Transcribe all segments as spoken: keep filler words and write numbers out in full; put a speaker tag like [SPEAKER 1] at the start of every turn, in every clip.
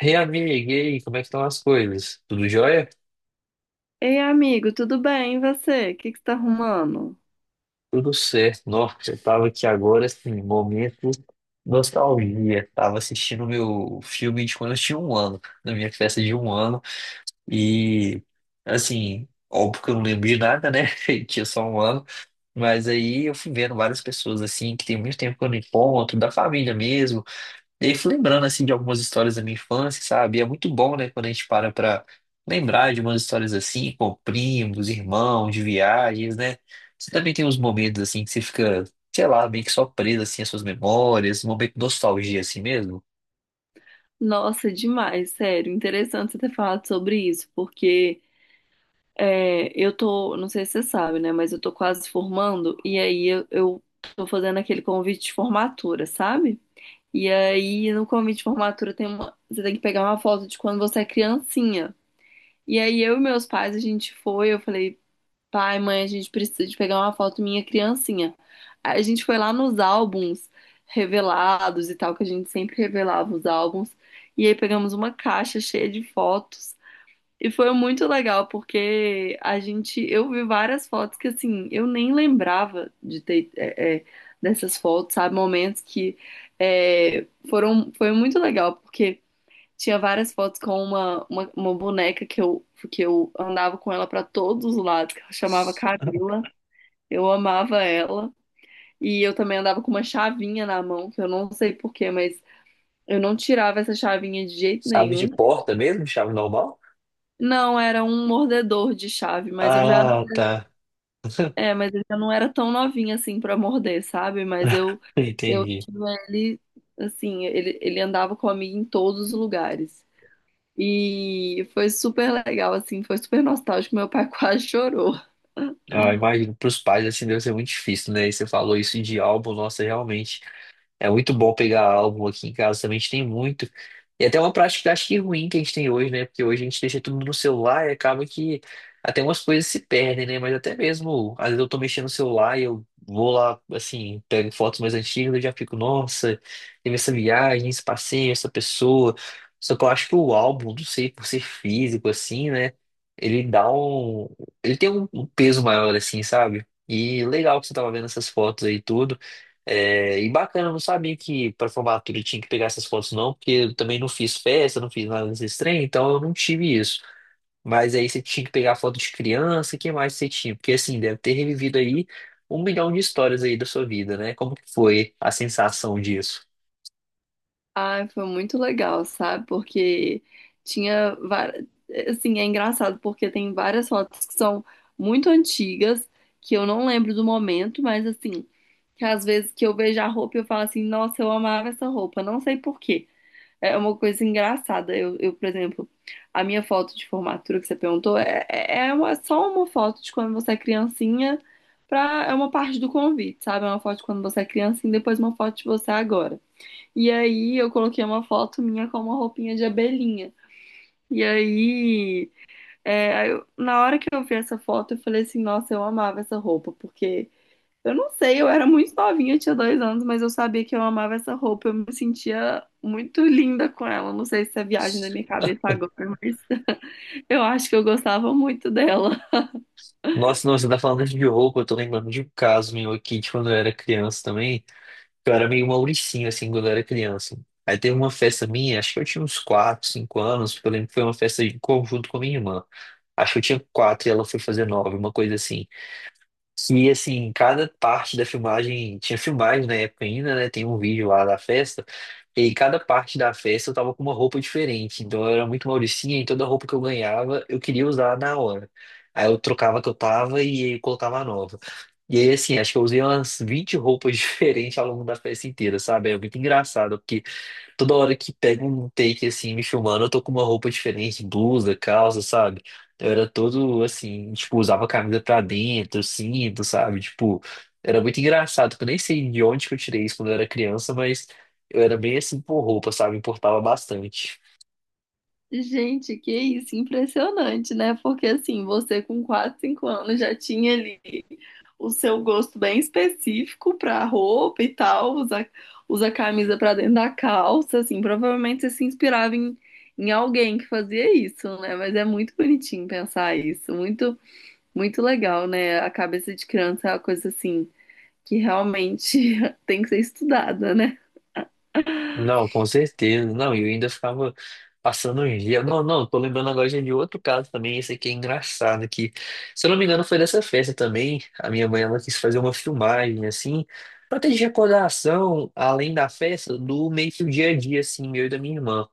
[SPEAKER 1] Ei, amiga, e aí, como é que estão as coisas? Tudo jóia?
[SPEAKER 2] Ei, amigo, tudo bem? E você? O que que você tá arrumando?
[SPEAKER 1] Tudo certo. Nossa, eu tava aqui agora, assim, momento nostalgia. Tava assistindo o meu filme de quando eu tinha um ano, na minha festa de um ano. E, assim, óbvio que eu não lembrei nada, né? Eu tinha só um ano. Mas aí eu fui vendo várias pessoas, assim, que tem muito tempo que eu não encontro, da família mesmo. E aí, fui lembrando, assim, de algumas histórias da minha infância, sabe? E é muito bom, né, quando a gente para pra lembrar de umas histórias assim, com primos, irmãos, de viagens, né? Você também tem uns momentos, assim, que você fica, sei lá, meio que só preso, assim, às suas memórias, um momento de nostalgia, assim mesmo.
[SPEAKER 2] Nossa, demais, sério. Interessante você ter falado sobre isso, porque é, eu tô, não sei se você sabe, né? Mas eu tô quase formando, e aí eu, eu tô fazendo aquele convite de formatura, sabe? E aí no convite de formatura tem uma, você tem que pegar uma foto de quando você é criancinha. E aí eu e meus pais, a gente foi, eu falei. Pai, mãe, a gente precisa de pegar uma foto minha criancinha. Aí a gente foi lá nos álbuns revelados e tal, que a gente sempre revelava os álbuns. E aí pegamos uma caixa cheia de fotos. E foi muito legal, porque a gente, eu vi várias fotos que assim, eu nem lembrava de ter é, é, dessas fotos, sabe? Momentos que é, foram, foi muito legal, porque tinha várias fotos com uma, uma, uma boneca que eu, que eu andava com ela para todos os lados, que ela chamava Camila. Eu amava ela. E eu também andava com uma chavinha na mão, que eu não sei por quê, mas eu não tirava essa chavinha de jeito
[SPEAKER 1] Chave
[SPEAKER 2] nenhum.
[SPEAKER 1] de porta mesmo? Chave normal?
[SPEAKER 2] Não, era um mordedor de chave, mas eu já,
[SPEAKER 1] Ah, tá.
[SPEAKER 2] é, mas eu já não era tão novinha assim para morder, sabe? Mas eu eu
[SPEAKER 1] Entendi.
[SPEAKER 2] tinha ele assim, ele, ele andava comigo em todos os lugares. E foi super legal, assim, foi super nostálgico. Meu pai quase chorou.
[SPEAKER 1] Ah, imagino, pros pais, assim, deve ser muito difícil, né? E você falou isso de álbum, nossa, realmente. É muito bom pegar álbum aqui em casa também, a gente tem muito. E até uma prática acho que ruim que a gente tem hoje, né? Porque hoje a gente deixa tudo no celular e acaba que até umas coisas se perdem, né? Mas até mesmo, às vezes eu tô mexendo no celular e eu vou lá, assim, pego fotos mais antigas, eu já fico, nossa, teve essa viagem, esse passeio, essa pessoa. Só que eu acho que o álbum, não sei, por ser físico, assim, né? Ele dá um. Ele tem um um peso maior, assim, sabe? E legal que você tava vendo essas fotos aí, tudo. É, e bacana, eu não sabia que para formatura tinha que pegar essas fotos, não, porque eu também não fiz festa, não fiz nada desse trem, então eu não tive isso. Mas aí você tinha que pegar foto de criança, o que mais você tinha? Porque assim, deve ter revivido aí um milhão de histórias aí da sua vida, né? Como que foi a sensação disso?
[SPEAKER 2] Ai, foi muito legal, sabe? Porque tinha, va- assim, é engraçado porque tem várias fotos que são muito antigas, que eu não lembro do momento, mas assim, que às vezes que eu vejo a roupa e eu falo assim, nossa, eu amava essa roupa, não sei por quê. É uma coisa engraçada. Eu, eu, por exemplo, a minha foto de formatura que você perguntou é, é é uma, só uma foto de quando você é criancinha pra, é uma parte do convite, sabe? É uma foto de quando você é criancinha e depois uma foto de você agora. E aí eu coloquei uma foto minha com uma roupinha de abelhinha. E aí, é, aí eu- na hora que eu vi essa foto, eu falei assim, nossa, eu amava essa roupa, porque eu não sei, eu era muito novinha, tinha dois anos, mas eu sabia que eu amava essa roupa. Eu me sentia muito linda com ela. Não sei se é viagem da minha cabeça agora, mas eu acho que eu gostava muito dela.
[SPEAKER 1] Nossa, não, você tá falando de roupa, eu tô lembrando de um caso meu aqui de quando eu era criança também. Eu era meio Mauricinho, assim, quando eu era criança. Aí teve uma festa minha, acho que eu tinha uns quatro cinco anos, porque eu lembro que foi uma festa em conjunto com a minha irmã. Acho que eu tinha quatro e ela foi fazer nove uma coisa assim. E assim, cada parte da filmagem, tinha filmagem na época ainda, né? Tem um vídeo lá da festa, e cada parte da festa eu tava com uma roupa diferente. Então eu era muito mauricinha e toda roupa que eu ganhava eu queria usar na hora. Aí eu trocava a que eu tava e colocava a nova. E aí, assim, acho que eu usei umas vinte roupas diferentes ao longo da festa inteira, sabe? É muito engraçado, porque toda hora que pega um take assim, me filmando, eu tô com uma roupa diferente, blusa, calça, sabe? Eu era todo assim, tipo, usava a camisa pra dentro, cinto, sabe? Tipo, era muito engraçado, que eu nem sei de onde que eu tirei isso quando eu era criança, mas eu era bem assim por roupa, sabe? Importava bastante.
[SPEAKER 2] Gente, que isso, impressionante, né? Porque assim, você com quatro, cinco anos já tinha ali o seu gosto bem específico pra roupa e tal, usa, usa camisa pra dentro da calça, assim, provavelmente você se inspirava em, em alguém que fazia isso, né? Mas é muito bonitinho pensar isso, muito muito legal, né? A cabeça de criança é uma coisa assim que realmente tem que ser estudada, né?
[SPEAKER 1] Não, com certeza. Não, e eu ainda ficava passando uns dias. Não, não, tô lembrando agora já de outro caso também. Esse aqui é engraçado, que, se eu não me engano, foi dessa festa também. A minha mãe, ela quis fazer uma filmagem, assim, pra ter de recordação, além da festa, do meio que o dia a dia, assim, meu e da minha irmã.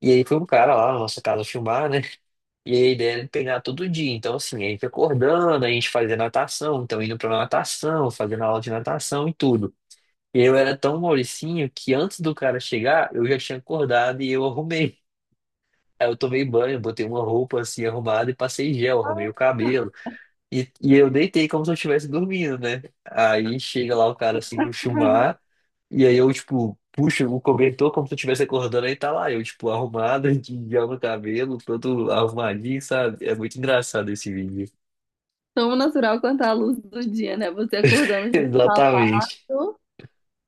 [SPEAKER 1] E aí foi um cara lá na nossa casa filmar, né? E aí a ideia era pegar todo dia. Então, assim, a gente acordando, a gente fazia natação, então indo pra natação, fazendo aula de natação e tudo. Eu era tão mauricinho que antes do cara chegar, eu já tinha acordado e eu arrumei. Aí eu tomei banho, botei uma roupa assim arrumada e passei gel, arrumei o cabelo. E, e eu deitei como se eu estivesse dormindo, né? Aí chega lá o cara assim pro chumar, e aí eu, tipo, puxo o cobertor como se eu estivesse acordando, aí tá lá, eu, tipo, arrumado, de gel no cabelo, todo arrumadinho, sabe? É muito engraçado esse vídeo.
[SPEAKER 2] Tão natural quanto a luz do dia, né? Você acordando com sapato,
[SPEAKER 1] Exatamente.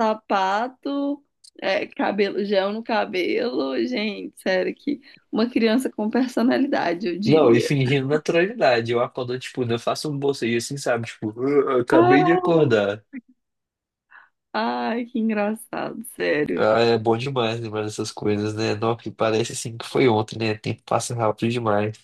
[SPEAKER 2] sapato, é, cabelo, gel no cabelo. Gente, sério que uma criança com personalidade, eu
[SPEAKER 1] Não, e
[SPEAKER 2] diria.
[SPEAKER 1] fingindo naturalidade. Eu acordo, tipo, eu faço um bocejo assim, sabe? Tipo, "Ah, eu acabei de
[SPEAKER 2] Ah,
[SPEAKER 1] acordar."
[SPEAKER 2] Ai, que engraçado, sério.
[SPEAKER 1] Ah, é bom demais lembrar dessas coisas, né? Não, que parece assim que foi ontem, né? O tempo passa rápido demais.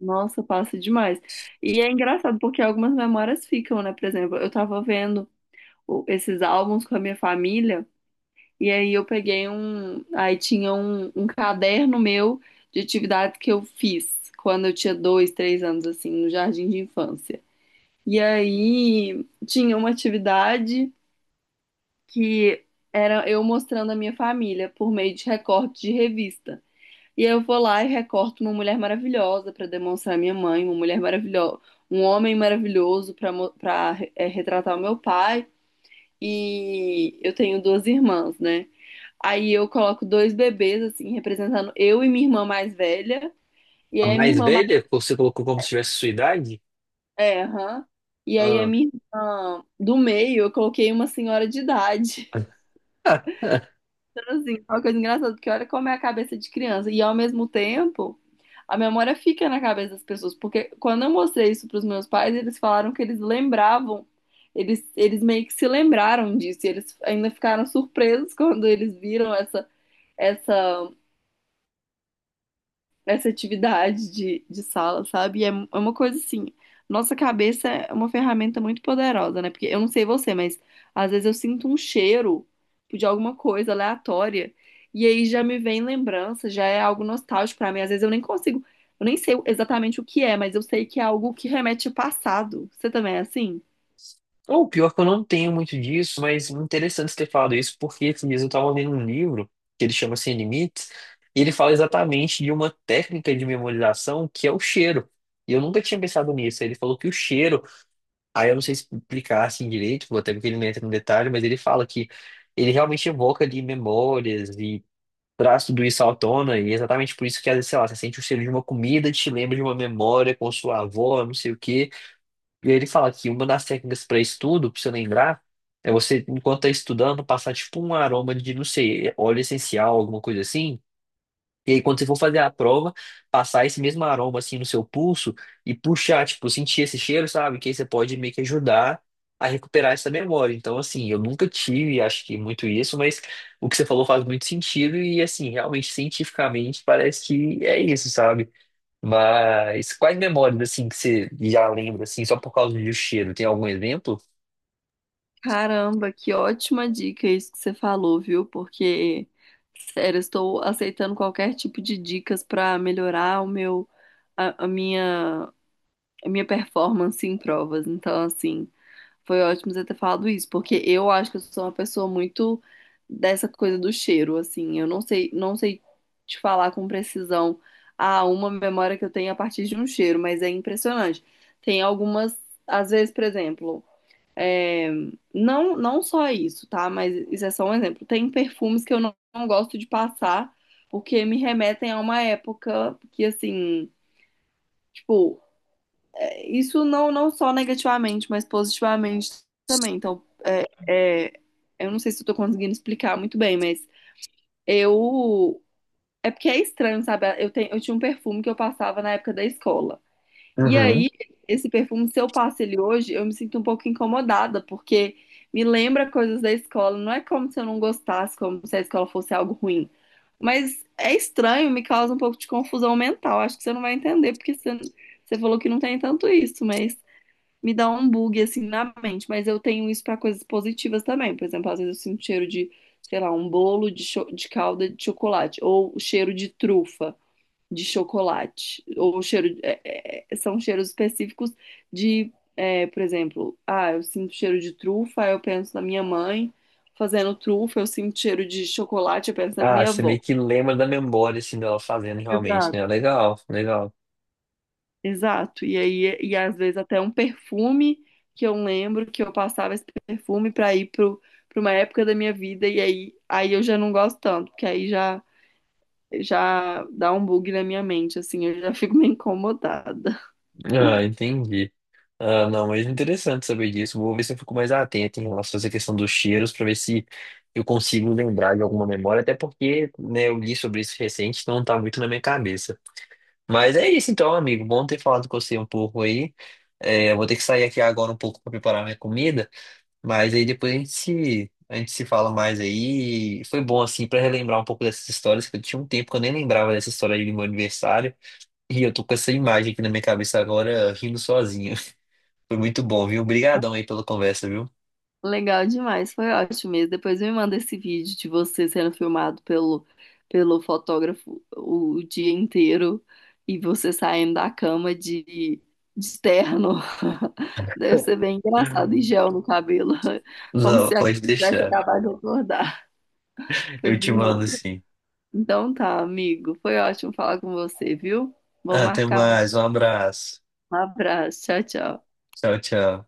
[SPEAKER 2] Nossa, passa demais. E é engraçado porque algumas memórias ficam, né? Por exemplo, eu tava vendo o- esses álbuns com a minha família. E aí eu peguei um. Aí tinha um, um caderno meu de atividade que eu fiz quando eu tinha dois, três anos, assim, no jardim de infância. E aí tinha uma atividade que era eu mostrando a minha família por meio de recorte de revista. E aí eu vou lá e recorto uma mulher maravilhosa para demonstrar a minha mãe, uma mulher maravilhosa, um homem maravilhoso para para retratar o meu pai. E eu tenho duas irmãs, né? Aí eu coloco dois bebês, assim, representando eu e minha irmã mais velha. E
[SPEAKER 1] A
[SPEAKER 2] aí a minha
[SPEAKER 1] mais
[SPEAKER 2] irmã mais.
[SPEAKER 1] velha, que você colocou como se tivesse sua idade?
[SPEAKER 2] É, aham. E aí a
[SPEAKER 1] Ah.
[SPEAKER 2] minha irmã do meio, eu coloquei uma senhora de idade. Então, assim, é uma coisa engraçada, porque olha como é a cabeça de criança. E ao mesmo tempo, a memória fica na cabeça das pessoas. Porque quando eu mostrei isso para os meus pais, eles falaram que eles lembravam. Eles, eles meio que se lembraram disso. E eles ainda ficaram surpresos quando eles viram essa, essa essa atividade de, de sala, sabe? E é, é uma coisa assim, nossa cabeça é uma ferramenta muito poderosa, né? Porque eu não sei você, mas às vezes eu sinto um cheiro de alguma coisa aleatória e aí já me vem lembrança, já é algo nostálgico pra mim. Às vezes eu nem consigo, eu nem sei exatamente o que é, mas eu sei que é algo que remete ao passado. Você também é assim?
[SPEAKER 1] O pior que eu não tenho muito disso, mas interessante você ter falado isso, porque esses dias eu tava lendo um livro que ele chama Sem Limites, e ele fala exatamente de uma técnica de memorização que é o cheiro. E eu nunca tinha pensado nisso. Ele falou que o cheiro. Aí eu não sei explicar assim direito, até porque ele não entra no detalhe, mas ele fala que ele realmente evoca ali memórias e traz tudo isso à tona, e é exatamente por isso que, às vezes, sei lá, você sente o cheiro de uma comida, te lembra de uma memória com sua avó, não sei o quê. E aí ele fala que uma das técnicas para estudo, para você lembrar, é você, enquanto está estudando, passar tipo um aroma de, não sei, óleo essencial, alguma coisa assim, e aí, quando você for fazer a prova, passar esse mesmo aroma assim no seu pulso e puxar, tipo, sentir esse cheiro, sabe? Que aí você pode meio que ajudar a recuperar essa memória. Então, assim, eu nunca tive, acho que muito isso, mas o que você falou faz muito sentido e, assim, realmente, cientificamente, parece que é isso, sabe? Mas quais memórias, assim, que você já lembra, assim, só por causa do cheiro? Tem algum exemplo?
[SPEAKER 2] Caramba, que ótima dica isso que você falou, viu? Porque, sério, eu estou aceitando qualquer tipo de dicas para melhorar o meu, a, a minha, a minha performance em provas. Então, assim, foi ótimo você ter falado isso, porque eu acho que eu sou uma pessoa muito dessa coisa do cheiro, assim. Eu não sei, não sei te falar com precisão a uma memória que eu tenho a partir de um cheiro, mas é impressionante. Tem algumas, às vezes, por exemplo. Não, não só isso, tá? Mas isso é só um exemplo. Tem perfumes que eu não, não gosto de passar porque me remetem a uma época que, assim, tipo, é, isso não, não só negativamente, mas positivamente também. Então, é, é, eu não sei se eu tô conseguindo explicar muito bem, mas eu. É porque é estranho, sabe? Eu, tenho, eu tinha um perfume que eu passava na época da escola. E
[SPEAKER 1] Uhum.
[SPEAKER 2] aí, esse perfume, se eu passo ele hoje, eu me sinto um pouco incomodada, porque me lembra coisas da escola. Não é como se eu não gostasse, como se a escola fosse algo ruim. Mas é estranho, me causa um pouco de confusão mental. Acho que você não vai entender, porque você, você falou que não tem tanto isso, mas me dá um bug assim na mente. Mas eu tenho isso para coisas positivas também. Por exemplo, às vezes eu sinto cheiro de, sei lá, um bolo de, cho- de calda de chocolate, ou o cheiro de trufa de chocolate. Ou cheiro, é, é, é, são cheiros específicos de, é, por exemplo, ah, eu sinto cheiro de trufa, aí eu penso na minha mãe fazendo trufa, eu sinto cheiro de chocolate, eu penso na
[SPEAKER 1] Ah,
[SPEAKER 2] minha
[SPEAKER 1] você
[SPEAKER 2] avó.
[SPEAKER 1] meio que lembra da memória, assim, dela fazendo realmente,
[SPEAKER 2] Exato.
[SPEAKER 1] né? Legal, legal.
[SPEAKER 2] Exato. E aí, e às vezes até um perfume que eu lembro que eu passava esse perfume para ir pro, para uma época da minha vida e aí, aí eu já não gosto tanto, porque aí já já dá um bug na minha mente, assim, eu já fico meio incomodada.
[SPEAKER 1] Ah, entendi. Ah, não, mas interessante saber disso. Vou ver se eu fico mais atento em relação a essa questão dos cheiros, para ver se eu consigo lembrar de alguma memória, até porque, né, eu li sobre isso recente, então não tá muito na minha cabeça. Mas é isso então, amigo. Bom ter falado com você um pouco aí. É, eu vou ter que sair aqui agora um pouco para preparar minha comida, mas aí depois a gente se, a gente se fala mais aí. Foi bom, assim, para relembrar um pouco dessas histórias, que eu tinha um tempo que eu nem lembrava dessa história aí do meu aniversário. E eu tô com essa imagem aqui na minha cabeça agora, rindo sozinho. Foi muito bom, viu? Obrigadão aí pela conversa, viu?
[SPEAKER 2] Legal demais, foi ótimo mesmo. Depois me manda esse vídeo de você sendo filmado pelo, pelo fotógrafo o dia inteiro e você saindo da cama de, de terno. Deve ser bem engraçado, e gel no cabelo, como
[SPEAKER 1] Não,
[SPEAKER 2] se a-
[SPEAKER 1] pode
[SPEAKER 2] tivesse
[SPEAKER 1] deixar.
[SPEAKER 2] acabado de acordar.
[SPEAKER 1] Eu
[SPEAKER 2] Pois
[SPEAKER 1] te
[SPEAKER 2] me
[SPEAKER 1] mando
[SPEAKER 2] manda.
[SPEAKER 1] sim.
[SPEAKER 2] Então tá, amigo, foi ótimo falar com você, viu? Vou
[SPEAKER 1] Ah, até
[SPEAKER 2] marcar mais
[SPEAKER 1] mais, um abraço.
[SPEAKER 2] um abraço. Tchau, tchau.
[SPEAKER 1] Tchau, tchau.